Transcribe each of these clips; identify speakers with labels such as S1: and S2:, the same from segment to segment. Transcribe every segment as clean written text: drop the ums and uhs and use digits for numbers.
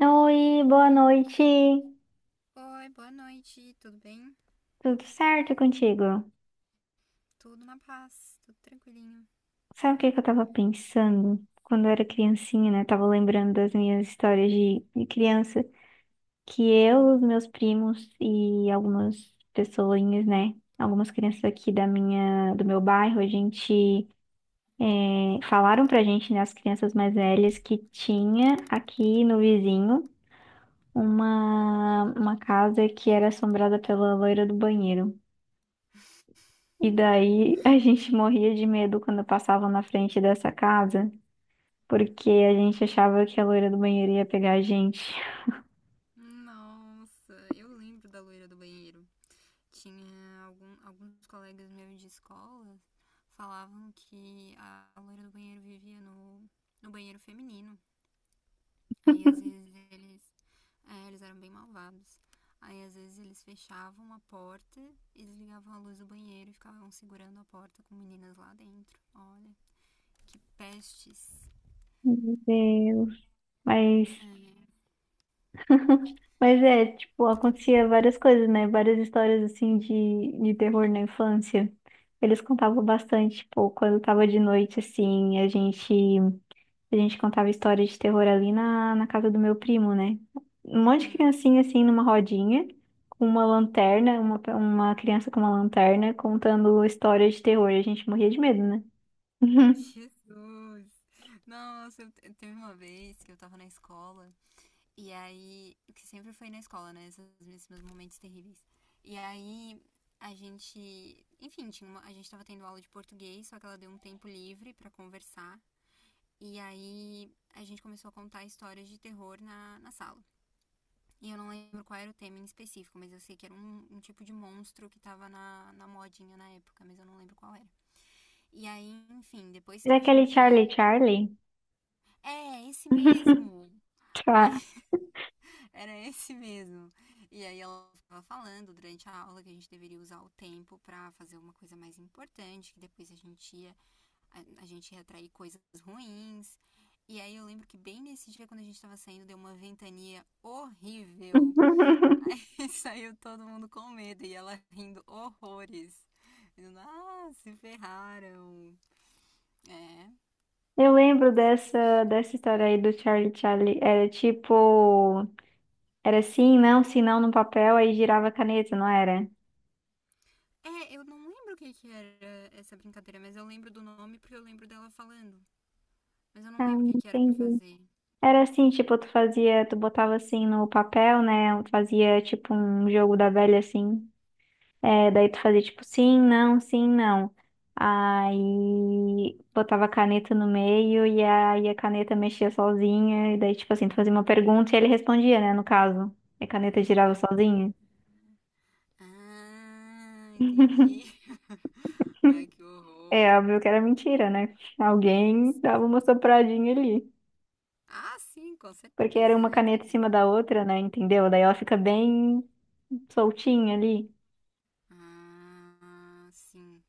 S1: Oi, boa noite.
S2: Oi, boa noite, tudo bem?
S1: Tudo certo contigo?
S2: Tudo na paz, tudo tranquilinho.
S1: Sabe o que que eu tava pensando quando eu era criancinha, né? Tava lembrando das minhas histórias de criança, que eu,
S2: Hum.
S1: os meus primos e algumas pessoinhas, né? Algumas crianças aqui da minha, do meu bairro, a gente falaram pra gente, né, as crianças mais velhas, que tinha aqui no vizinho uma casa que era assombrada pela loira do banheiro. E daí a gente morria de medo quando passava na frente dessa casa, porque a gente achava que a loira do banheiro ia pegar a gente.
S2: Nossa, eu lembro da loira do banheiro. Tinha alguns colegas meus de escola falavam que a loira do banheiro vivia no banheiro feminino. Aí às vezes eles eram bem malvados. Aí às vezes eles fechavam a porta e desligavam a luz do banheiro e ficavam segurando a porta com meninas lá dentro. Olha, que pestes.
S1: Meu Deus. Mas,
S2: É.
S1: mas é, tipo, acontecia várias coisas, né? Várias histórias assim de terror na infância. Eles contavam bastante, tipo, quando tava de noite, assim, a gente. A gente contava história de terror ali na, na casa do meu primo, né? Um monte de
S2: Hum.
S1: criancinha assim numa rodinha, com uma lanterna, uma criança com uma lanterna contando história de terror. A gente morria de medo, né?
S2: Jesus! Nossa, teve uma vez que eu tava na escola, e aí, que sempre foi na escola, né? Esses meus momentos terríveis. E aí, a gente, enfim, a gente tava tendo aula de português, só que ela deu um tempo livre pra conversar. E aí, a gente começou a contar histórias de terror na sala. E eu não lembro qual era o tema em específico, mas eu sei que era um tipo de monstro que tava na modinha na época, mas eu não lembro qual era. E aí, enfim, depois que
S1: Era
S2: a
S1: aquele Charlie
S2: gente...
S1: Charlie?
S2: É, esse mesmo.
S1: Tá.
S2: Ai, era esse mesmo. E aí ela ficava falando durante a aula que a gente deveria usar o tempo para fazer uma coisa mais importante, que depois a gente ia... a gente ia atrair coisas ruins. E aí eu lembro que bem nesse dia quando a gente tava saindo deu uma ventania horrível. E saiu todo mundo com medo e ela rindo horrores. Dizendo, ah, se ferraram. É.
S1: Eu lembro dessa, dessa história aí do Charlie Charlie. Era tipo. Era sim, não, sim, não no papel, aí girava a caneta, não era?
S2: É, eu não lembro o que que era essa brincadeira, mas eu lembro do nome porque eu lembro dela falando. Mas eu não
S1: Ah,
S2: lembro o que que era pra
S1: entendi.
S2: fazer.
S1: Era assim, tipo, tu fazia, tu botava assim no papel, né? Fazia tipo um jogo da velha assim. É, daí tu fazia tipo sim, não, sim, não. Aí botava a caneta no meio e aí a caneta mexia sozinha. E daí, tipo assim, tu fazia uma pergunta e ele respondia, né? No caso. E a caneta girava
S2: Ah,
S1: sozinha.
S2: ah, entendi. Ai, que
S1: É
S2: horror.
S1: óbvio que era mentira, né? Alguém dava uma sopradinha ali.
S2: Ah, sim, com
S1: Porque era
S2: certeza,
S1: uma
S2: né? Tenho
S1: caneta em cima
S2: certeza.
S1: da outra, né? Entendeu? Daí ela fica bem soltinha ali.
S2: Ah, sim.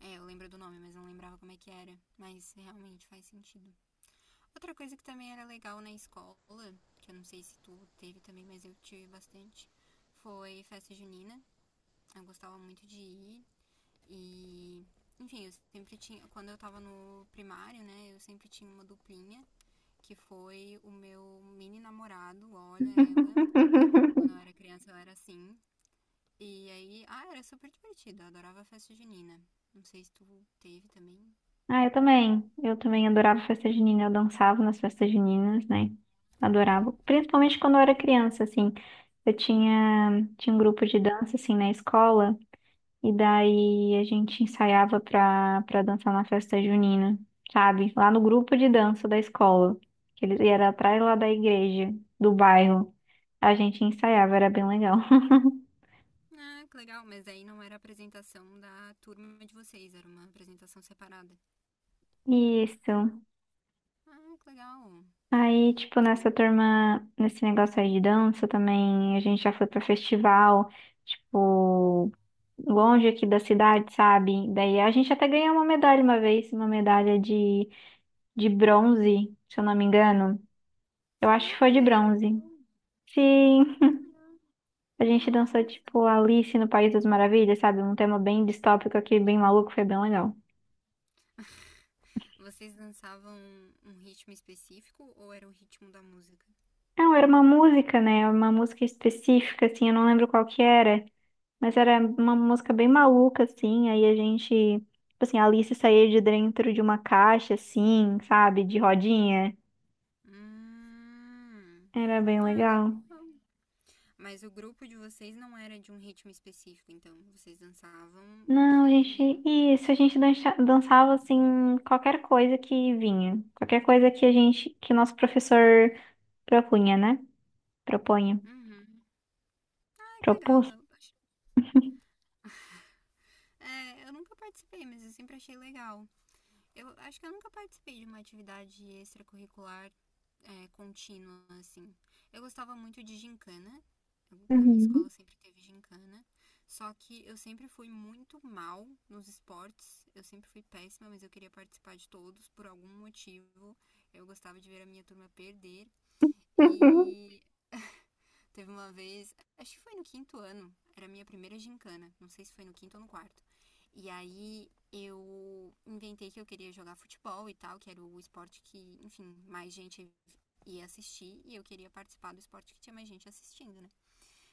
S2: É, eu lembro do nome, mas não lembrava como é que era. Mas realmente faz sentido. Outra coisa que também era legal na escola, que eu não sei se tu teve também, mas eu tive bastante, foi festa junina. Eu gostava muito de ir. E, enfim, eu sempre tinha. Quando eu tava no primário, né, eu sempre tinha uma duplinha, que foi o meu mini namorado, olha ela. Quando eu era criança eu era assim. E aí, ah, era super divertido, eu adorava a festa junina. Não sei se tu teve também.
S1: Ah, eu também. Eu também adorava festa junina. Eu dançava nas festas juninas, né? Adorava. Principalmente quando eu era criança, assim. Eu tinha, tinha um grupo de dança, assim, na escola. E daí a gente ensaiava pra dançar na festa junina, sabe? Lá no grupo de dança da escola. Que eles, e era atrás lá da igreja, do bairro. A gente ensaiava, era bem legal.
S2: Ah, que legal, mas aí não era a apresentação da turma de vocês, era uma apresentação separada.
S1: Isso.
S2: Ah, que legal.
S1: Aí, tipo, nessa turma, nesse negócio aí de dança também, a gente já foi pra festival, tipo, longe aqui da cidade, sabe? Daí a gente até ganhou uma medalha uma vez, uma medalha de bronze, se eu não me engano. Eu acho que foi de
S2: Olha, que
S1: bronze.
S2: legal.
S1: Sim,
S2: Ah, que legal.
S1: a gente dançou,
S2: Nossa.
S1: tipo, Alice no País das Maravilhas, sabe? Um tema bem distópico aqui, bem maluco, foi bem legal.
S2: Vocês dançavam um ritmo específico ou era o ritmo da música?
S1: Não, era uma música, né? Uma música específica, assim, eu não lembro qual que era. Mas era uma música bem maluca, assim. Aí a gente, tipo assim, a Alice saía de dentro de uma caixa, assim, sabe? De rodinha.
S2: Hum.
S1: Era bem
S2: Ah,
S1: legal.
S2: legal. Mas o grupo de vocês não era de um ritmo específico, então. Vocês dançavam o
S1: Não, a gente,
S2: que.
S1: isso, a gente dançava, assim, qualquer coisa que vinha. Qualquer coisa que a gente, que o nosso professor propunha, né? Propunha.
S2: Uhum. Ah, que legal.
S1: Propôs.
S2: Eu nunca participei, mas eu sempre achei legal. Eu acho que eu nunca participei de uma atividade extracurricular contínua, assim. Eu gostava muito de gincana. Na minha
S1: Uhum.
S2: escola sempre teve gincana. Só que eu sempre fui muito mal nos esportes. Eu sempre fui péssima, mas eu queria participar de todos por algum motivo. Eu gostava de ver a minha turma perder. E teve uma vez, acho que foi no quinto ano, era a minha primeira gincana, não sei se foi no quinto ou no quarto. E aí eu inventei que eu queria jogar futebol e tal, que era o esporte que, enfim, mais gente ia assistir e eu queria participar do esporte que tinha mais gente assistindo, né?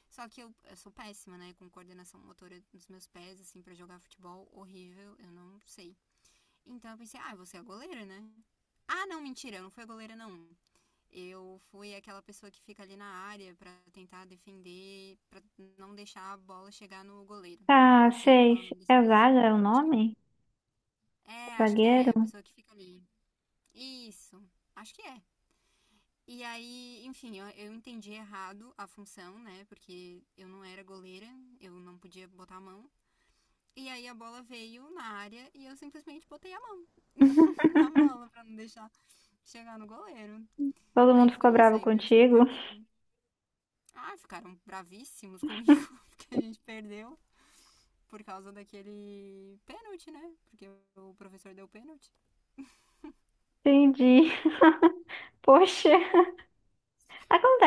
S2: Só que eu sou péssima, né? Com coordenação motora dos meus pés, assim, para jogar futebol, horrível, eu não sei. Então eu pensei, ah, você é a goleira, né? Ah, não, mentira, eu não fui a goleira, não. Eu fui aquela pessoa que fica ali na área para tentar defender, para não deixar a bola chegar no goleiro.
S1: Tá,
S2: Não sei qual é o
S1: sei.
S2: nome dessa
S1: É
S2: posição.
S1: Zaga é o
S2: Acho que
S1: nome?
S2: acho que
S1: Zagueiro?
S2: é a pessoa que fica ali. Isso, acho que é. E aí, enfim, eu entendi errado a função, né? Porque eu não era goleira, eu não podia botar a mão. E aí a bola veio na área e eu simplesmente botei a mão na bola para não deixar chegar no goleiro.
S1: Todo
S2: Aí
S1: mundo
S2: foi
S1: ficou
S2: isso,
S1: bravo
S2: aí o meu time
S1: contigo?
S2: perdeu. Ah, ficaram bravíssimos comigo, porque a gente perdeu por causa daquele pênalti, né? Porque o professor deu pênalti.
S1: Entendi. Poxa.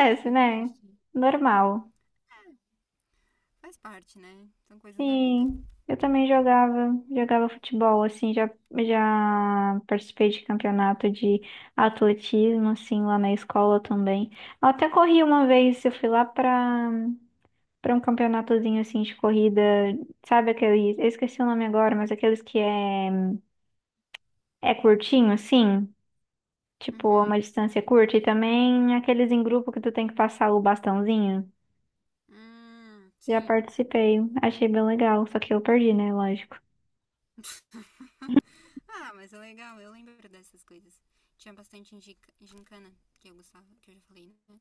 S2: É, foi
S1: né?
S2: triste.
S1: Normal.
S2: Faz parte, né? São coisas da vida.
S1: Sim, eu também jogava, jogava futebol, assim, já, já participei de campeonato de atletismo, assim, lá na escola também. Eu até corri uma vez, eu fui lá pra um campeonatozinho, assim, de corrida, sabe aqueles eu esqueci o nome agora, mas aqueles que é, é curtinho, assim, tipo, uma
S2: Uhum.
S1: distância curta, e também aqueles em grupo que tu tem que passar o bastãozinho. Já
S2: Sim.
S1: participei, achei bem legal, só que eu perdi, né? Lógico.
S2: Ah, mas é legal, eu lembro dessas coisas. Tinha bastante gincana, que eu gostava, que eu já falei, né?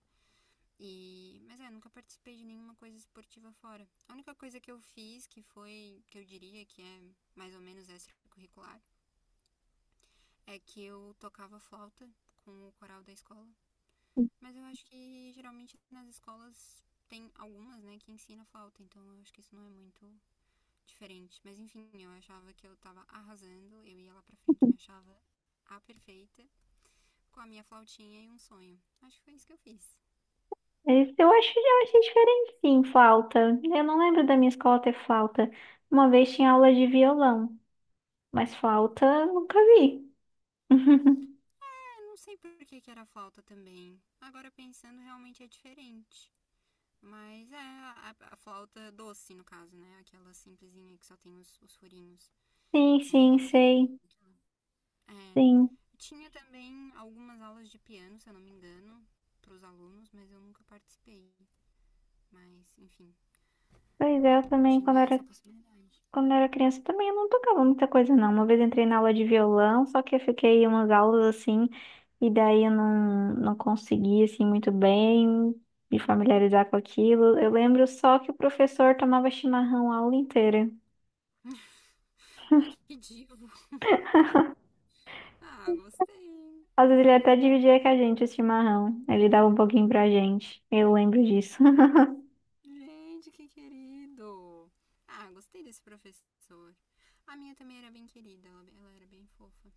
S2: E mas é, nunca participei de nenhuma coisa esportiva fora. A única coisa que eu fiz, que foi, que eu diria que é mais ou menos extracurricular, é que eu tocava flauta com o coral da escola. Mas eu acho que geralmente nas escolas tem algumas, né, que ensina flauta, então eu acho que isso não é muito diferente. Mas enfim, eu achava que eu tava arrasando, eu ia lá pra frente, me achava a perfeita, com a minha flautinha e um sonho. Acho que foi isso que eu fiz.
S1: Mas eu acho, eu achei diferente, sim, flauta. Eu não lembro da minha escola ter flauta. Uma vez tinha aula de violão, mas flauta eu nunca vi.
S2: É, não sei por que, que era flauta também. Agora pensando, realmente é diferente. Mas é a flauta doce, no caso, né? Aquela simplesinha que só tem os furinhos.
S1: Sim, sim,
S2: É, porque tem.
S1: sei.
S2: É,
S1: Sim.
S2: tinha também algumas aulas de piano, se eu não me engano, para os alunos, mas eu nunca participei. Mas, enfim,
S1: Pois é, eu também, quando
S2: tinha
S1: era
S2: essa possibilidade.
S1: Quando eu era criança também eu não tocava muita coisa, não. Uma vez eu entrei na aula de violão, só que eu fiquei umas aulas assim, e daí eu não, não consegui assim muito bem me familiarizar com aquilo. Eu lembro só que o professor tomava chimarrão a aula inteira.
S2: Ai, que divo! Ah, gostei!
S1: Às vezes ele até dividia com a gente o chimarrão. Ele dava um pouquinho pra gente. Eu lembro disso.
S2: Gente, que querido! Ah, gostei desse professor. A minha também era bem querida, ela era bem fofa.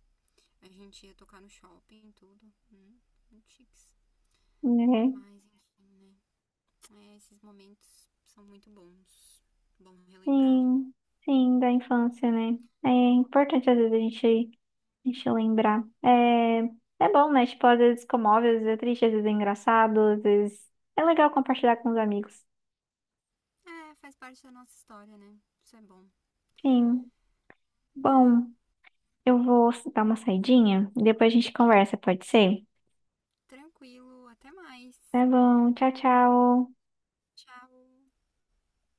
S2: A gente ia tocar no shopping e tudo. Muito chiques.
S1: É.
S2: Mas, enfim, né? É, esses momentos são muito bons. Bom relembrar.
S1: Sim, sim, da infância, né? É importante às vezes a gente Deixa eu lembrar. É, é bom, né? Tipo, às vezes comove, às vezes é triste, às vezes é engraçado, às vezes é legal compartilhar com os amigos.
S2: É, faz parte da nossa história, né? Isso é bom.
S1: Sim.
S2: É,
S1: Bom, eu vou dar uma saidinha, depois a gente conversa, pode ser?
S2: tranquilo, até mais.
S1: Tá bom, tchau, tchau.
S2: Tchau.